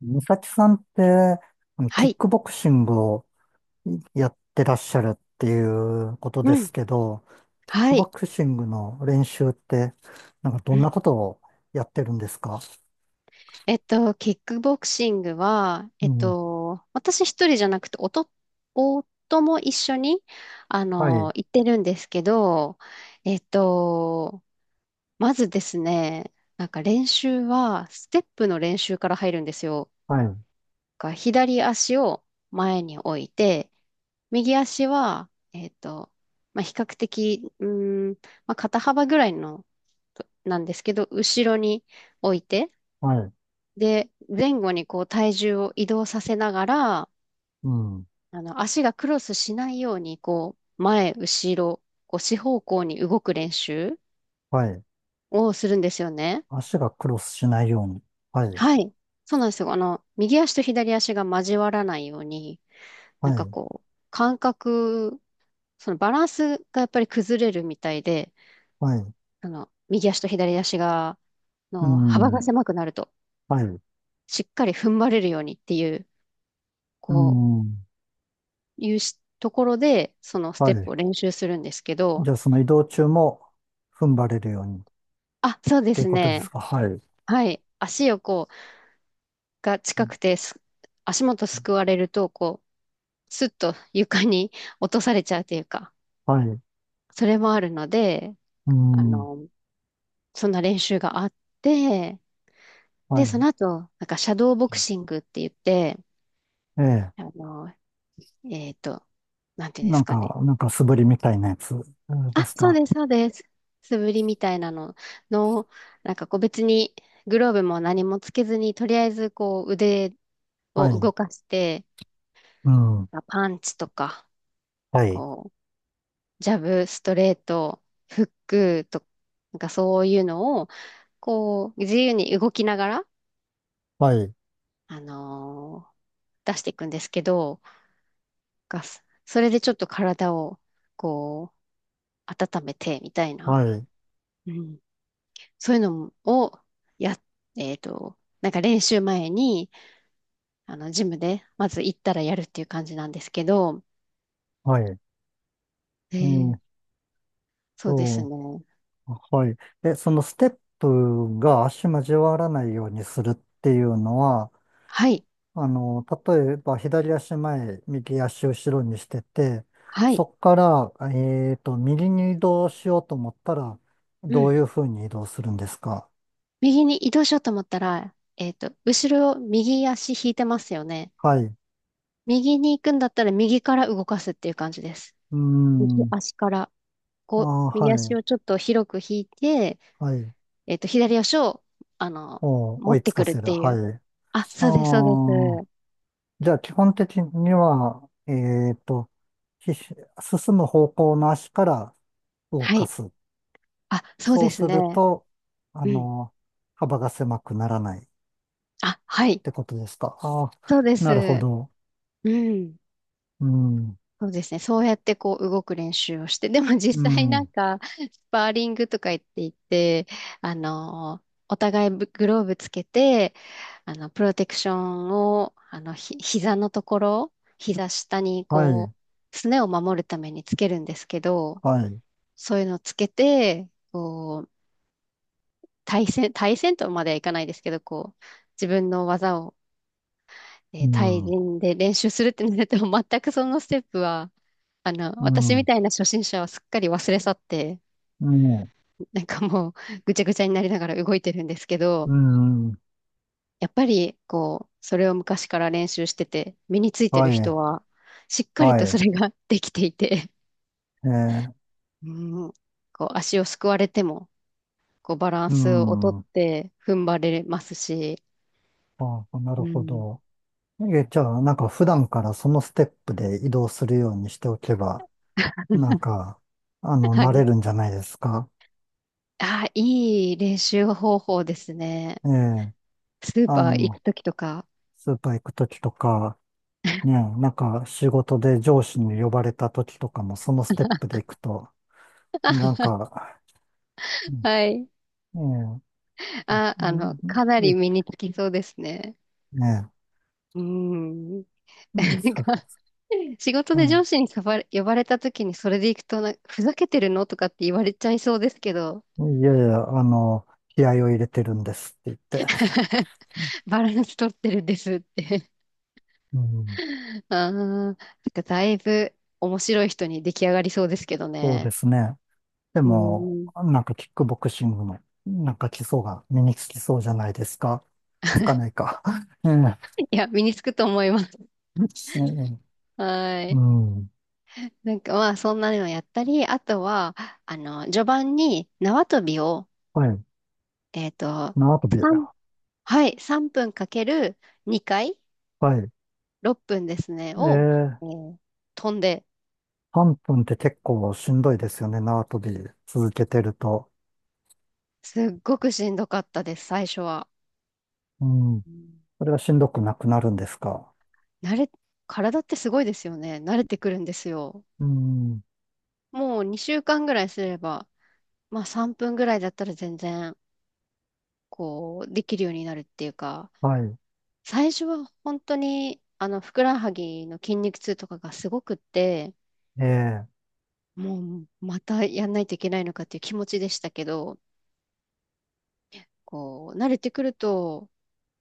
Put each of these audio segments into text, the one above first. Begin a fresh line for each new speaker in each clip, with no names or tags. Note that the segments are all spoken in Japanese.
美咲さんって、
は
キッ
い。
クボクシングをやってらっしゃるっていうこと
う
で
ん。
すけど、キック
は
ボ
い。
クシングの練習って、なんかど
う
んな
ん。
ことをやってるんですか？
キックボクシングは、
うん。
私一人じゃなくて、夫も一緒に、
はい、
行ってるんですけど、えっと、まずですね、なんか練習は、ステップの練習から入るんですよ。
はい、
が左足を前に置いて、右足は、まあ、比較的、まあ、肩幅ぐらいの、なんですけど、後ろに置いて、
はい、
で、前後にこう体重を移動させながら、
うん、
足がクロスしないように、こう、前、後ろ、こう、四方向に動く練習
はい。
をするんですよね。
足がクロスしないように。はい、
はい。そうなんですよ。あの、右足と左足が交わらないように、な
は
んか
い、
こう、感覚、そのバランスがやっぱり崩れるみたいで、
はい、
あの、右足と左足が、
う
の、幅が
ん、
狭くなると、
はい、
しっかり踏ん張れるようにっていう、
う
こう、
ん、
いうしところで、そのス
は
テップ
い。
を練習するんですけど、
じゃあその移動中も踏ん張れるようにっ
あ、そうで
てい
す
うことで
ね。
すか？はい。
はい。足をこう、が
う
近
ん
くてす、足元すくわれると、こう、スッと床に 落とされちゃうというか、
はい。
それもあるので、
う
あ
ん。
の、そんな練習があって、
は
で、そ
い。
の後、なんか、シャドーボクシングって言って、
ええ。
あの、えっと、なんていうんで
な
す
ん
かね。
か、なんか素振りみたいなやつで
あ、
す
そう
か？
です、そうです。素振りみたいなのの、なんかこう別にグローブも何もつけずに、とりあえずこう腕
は
を
い。
動かして、
うん。
まあパンチとか、
はい。
こう、ジャブ、ストレート、フックとか、なんかそういうのを、こう、自由に動きながら、
はい。
あのー出していくんですけど、がそれでちょっと体を、こう、温めて、みたいな。
はい。
うん、そういうのをや、なんか練習前に、ジムで、まず行ったらやるっていう感じなんですけど、
はい。
え
ー
ー
っ
そうです
と、
ね。
はい。そのステップが足交わらないようにするっていうのは、
はい、
例えば左足前、右足後ろにしてて、
はい、
そこから、右に移動しようと思ったら、
う
どう
ん。
いうふうに移動するんですか？
右に移動しようと思ったら、後ろを右足引いてますよね。
はい。う
右に行くんだったら右から動かすっていう感じです。
ー
右
ん。
足から、
あ
こう、
ー、
右
は
足
い。
をちょっと広く引いて、
はい。
左足を、あの、
お
持
追
っ
いつ
て
か
くるっ
せる。
てい
は
う。
い。
あ、そうです、そうです。
ああ。じゃあ、基本的には、進む方向の足から動
は
か
い。
す。
あ、そう
そ
で
う
す
する
ね。
と、あ
うん。
の、幅が狭くならないっ
あ、はい。
てことですか？ああ、
そうで
なるほ
す。
ど。
うん。
うん、
そうですね。そうやってこう動く練習をして、でも
う
実際なん
ん、
か、スパーリングとか言っていて、あの、お互いグローブつけて、プロテクションを、膝のところ、膝下に
はい、
こう、すねを守るためにつけるんですけど、
はい、
そういうのをつけて、こう、対戦、対戦とまではいかないですけど、こう、自分の技を
う
対
ん、うん、
人で練習するってなると、全くそのステップは、私みたいな初心者はすっかり忘れ去って、
うん、
なんかもうぐちゃぐちゃになりながら動いてるんですけど、
うん、
やっぱり、こう、それを昔から練習してて、身について
は
る人
い、
は、しっかり
は
とそ
い、
れができていて、
えー、
うん、こう、足をすくわれても、こう、バラン
う
スをとっ
ん、あ
て、踏ん張れますし、
あ、な
う
るほ
ん、
ど。じゃあ、なんか普段からそのステップで移動するようにしておけば、なんか、
は
慣れ
い。
るんじゃないですか？
ああ、いい練習方法ですね。
ええ、
スー
あ
パー行く
の、
ときとか。
スーパー行くときとか、ね、なんか仕事で上司に呼ばれたときとかもそのステップで行くと、なんか、う
はい。
んええ、
あ、
う
あの、
ん
かなり
い
身につきそうですね。
ね
うん。
え、うん、
なん
そう
か、
そ
仕事で
う、
上司に呼ばれ、呼ばれた時にそれで行くとな、ふざけてるのとかって言われちゃいそうですけど、
うん、いやいや、気合を入れてるんですって言って、
バランス取ってるんですって。
うん、
ああ、なんかだいぶ面白い人に出来上がりそうですけど
そうで
ね。
すね。で
う
も、
ん。
なんかキックボクシングの、なんか基礎が身につきそうじゃないですか？つかないか。ええ、
いや、身につくと思います。
ええ
は
う
い。
ん。
なんかまあ、そんなのやったり、あとは、序盤に縄跳びを、
はい。
えっと、
縄跳び。
さんはい、3分かける2回、
はい。
6分ですね、
え
を、
え、
えー飛んで、
分って結構しんどいですよね。縄跳び続けてると。
すっごくしんどかったです、最初は。
うん。
うん。
それがしんどくなくなるんですか？
慣れ、体ってすごいですよね。慣れてくるんですよ。
うん。
もう2週間ぐらいすれば、まあ3分ぐらいだったら全然、こう、できるようになるっていうか、
はい。
最初は本当に、ふくらはぎの筋肉痛とかがすごくって、
ええ、
もうまたやんないといけないのかっていう気持ちでしたけど、こう、慣れてくると、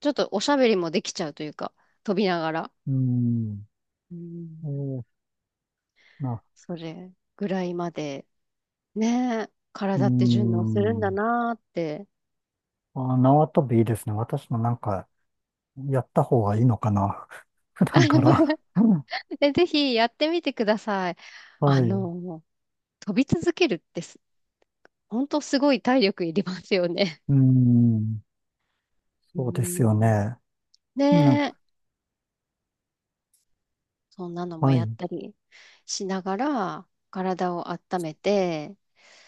ちょっとおしゃべりもできちゃうというか、飛びながら。
うん。
うん、
ええ、な、
それぐらいまで、ねえ、
う
体って順応するんだ
ん。
なーって。
あ、縄跳びいいですね。私もなんか、やった方がいいのかな。普段から。
ぜひやってみてください。
は
あ
い。う
の、飛び続けるってす、本当すごい体力いりますよね。
ーん。
う
そうですよ
ん、
ね。
ね
なん
え、
か、
そんなのも
は
やっ
い。
たりしながら、体を温めて、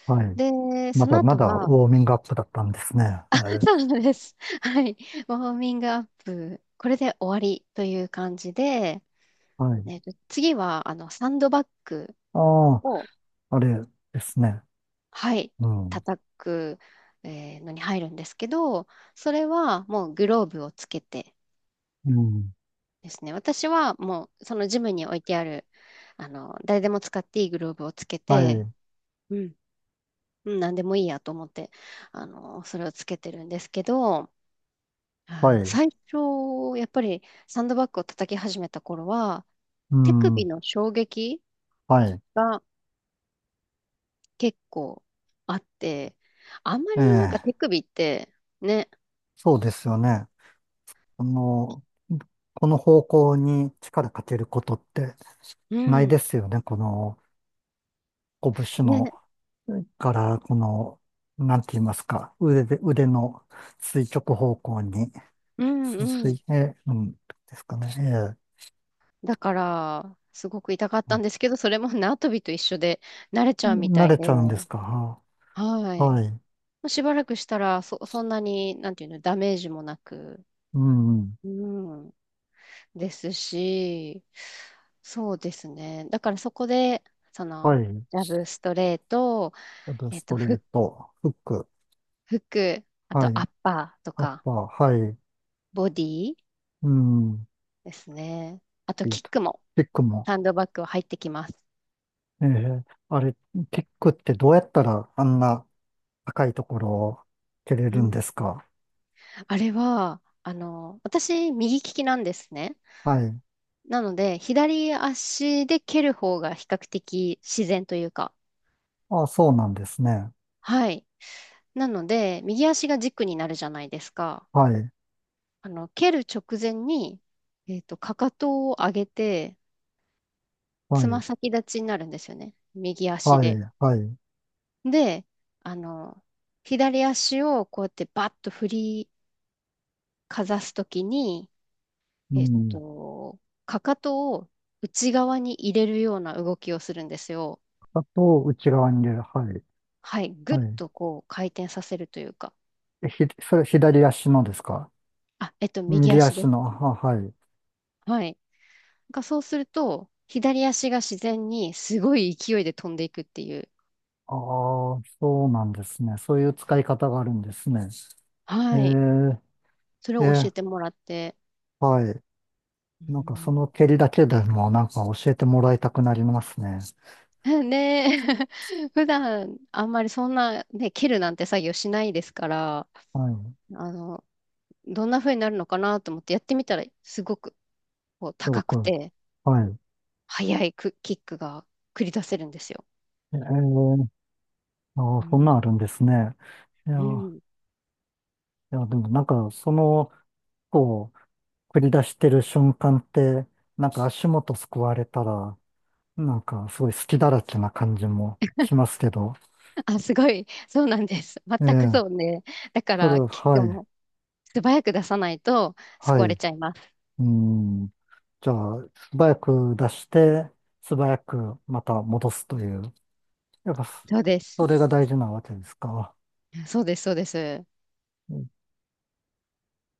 はい。
で、
ま
そ
だ
の
ま
後
だウ
は、
ォーミングアップだったんですね。はい。
そうなんです。はい。ウォーミングアップ、これで終わりという感じで、
はい。
次は、サンドバッグ
ああ、
を、
あれですね。
はい、
うん。
叩く、のに入るんですけど、それはもうグローブをつけて
うん。
ですね、私はもう、そのジムに置いてある、誰でも使っていいグローブをつけ
は
て、
い。
うん、うん、何でもいいやと思って、それをつけてるんですけど、
はい。
最初、やっぱりサンドバッグを叩き始めた頃は、
う
手首
ん。
の衝撃
はい。
が結構あって、あんま
え
りなんか
え。
手首って、ね、
そうですよね。あの、この方向に力かけることって
う
ないで
ん、
すよね。この、拳の
ね、
から、この、なんて言いますか、腕で、腕の垂直方向に、
うん、
す
うん。
水、うん、ですかね。ええ
だから、すごく痛かったん
う
ですけど、それも縄跳びと一緒で慣れちゃうみ
ん
た
慣
い
れ
で、
ちゃうんですか？は
はい。
はい。
しばらくしたら、そんなに、なんていうの、ダメージもなく、
うん。
うん、ですし、そうですね。だからそこで、そ
は
の、
い。
ラブストレート、
あと
えっ
ス
と、
トレー
ふ
ト、フック、
服、あと
は
ア
い。
ッパーと
アッ
か、
パー、はい。
ボディ
うん。
ですね。あと、
キッ
キッ
ク
クも、
キックも。
ハンドバッグは入ってきます。
ええあれ、キックってどうやったらあんな高いところを蹴れ
う
るん
ん。
ですか？
あれは、私、右利きなんですね。
はい。
なので、左足で蹴る方が比較的自然というか、
あ、そうなんですね。
はい。なので、右足が軸になるじゃないですか。
はい。
蹴る直前に、かかとを上げて、
は
つま
い。
先立ちになるんですよね。右足
は
で。
い。はい。
で、あの、左足をこうやってバッと振りかざすときに、
う
えっ
ん。
と、かかとを内側に入れるような動きをするんですよ。
あと、内側に入れる。はい。
はい。ぐっ
はい。
とこう回転させるというか。
それ左足のですか？
右
右
足で
足
す。
の。あ、はい。
はい。がそうすると、左足が自然にすごい勢いで飛んでいくっていう。
ああ、そうなんですね。そういう使い方があるんですね。え
はい。
ー、
それ
え
を教え
ー
てもらって。
はい。
う
なんかその
ん
蹴りだけでもなんか教えてもらいたくなりますね。
ねえ 普段あんまりそんな、ね、切るなんて作業しないですから、
はい。
あの、どんな風になるのかなと思ってやってみたら、すごくこう
すご
高く
く。
て、
はい。
速いクキックが繰り出せるんですよ。
えー、ああ、
う
そんなんあ
ん、
るんですね。いや、
うん。
いや、でもなんかその、こう、繰り出してる瞬間って、なんか足元すくわれたら、なんか、すごい隙だらけな感じもしますけど、
あ、すごい。そうなんです。全
え
く
え、
そうね。だか
それ、
ら、キック
はい、
も素早く出さないと救
は
われ
い、
ちゃいます。
うん。じゃあ、素早く出して、素早くまた戻すという、やっぱ、
そうです。
それが大事なわけですか？
そうです、そうです。
え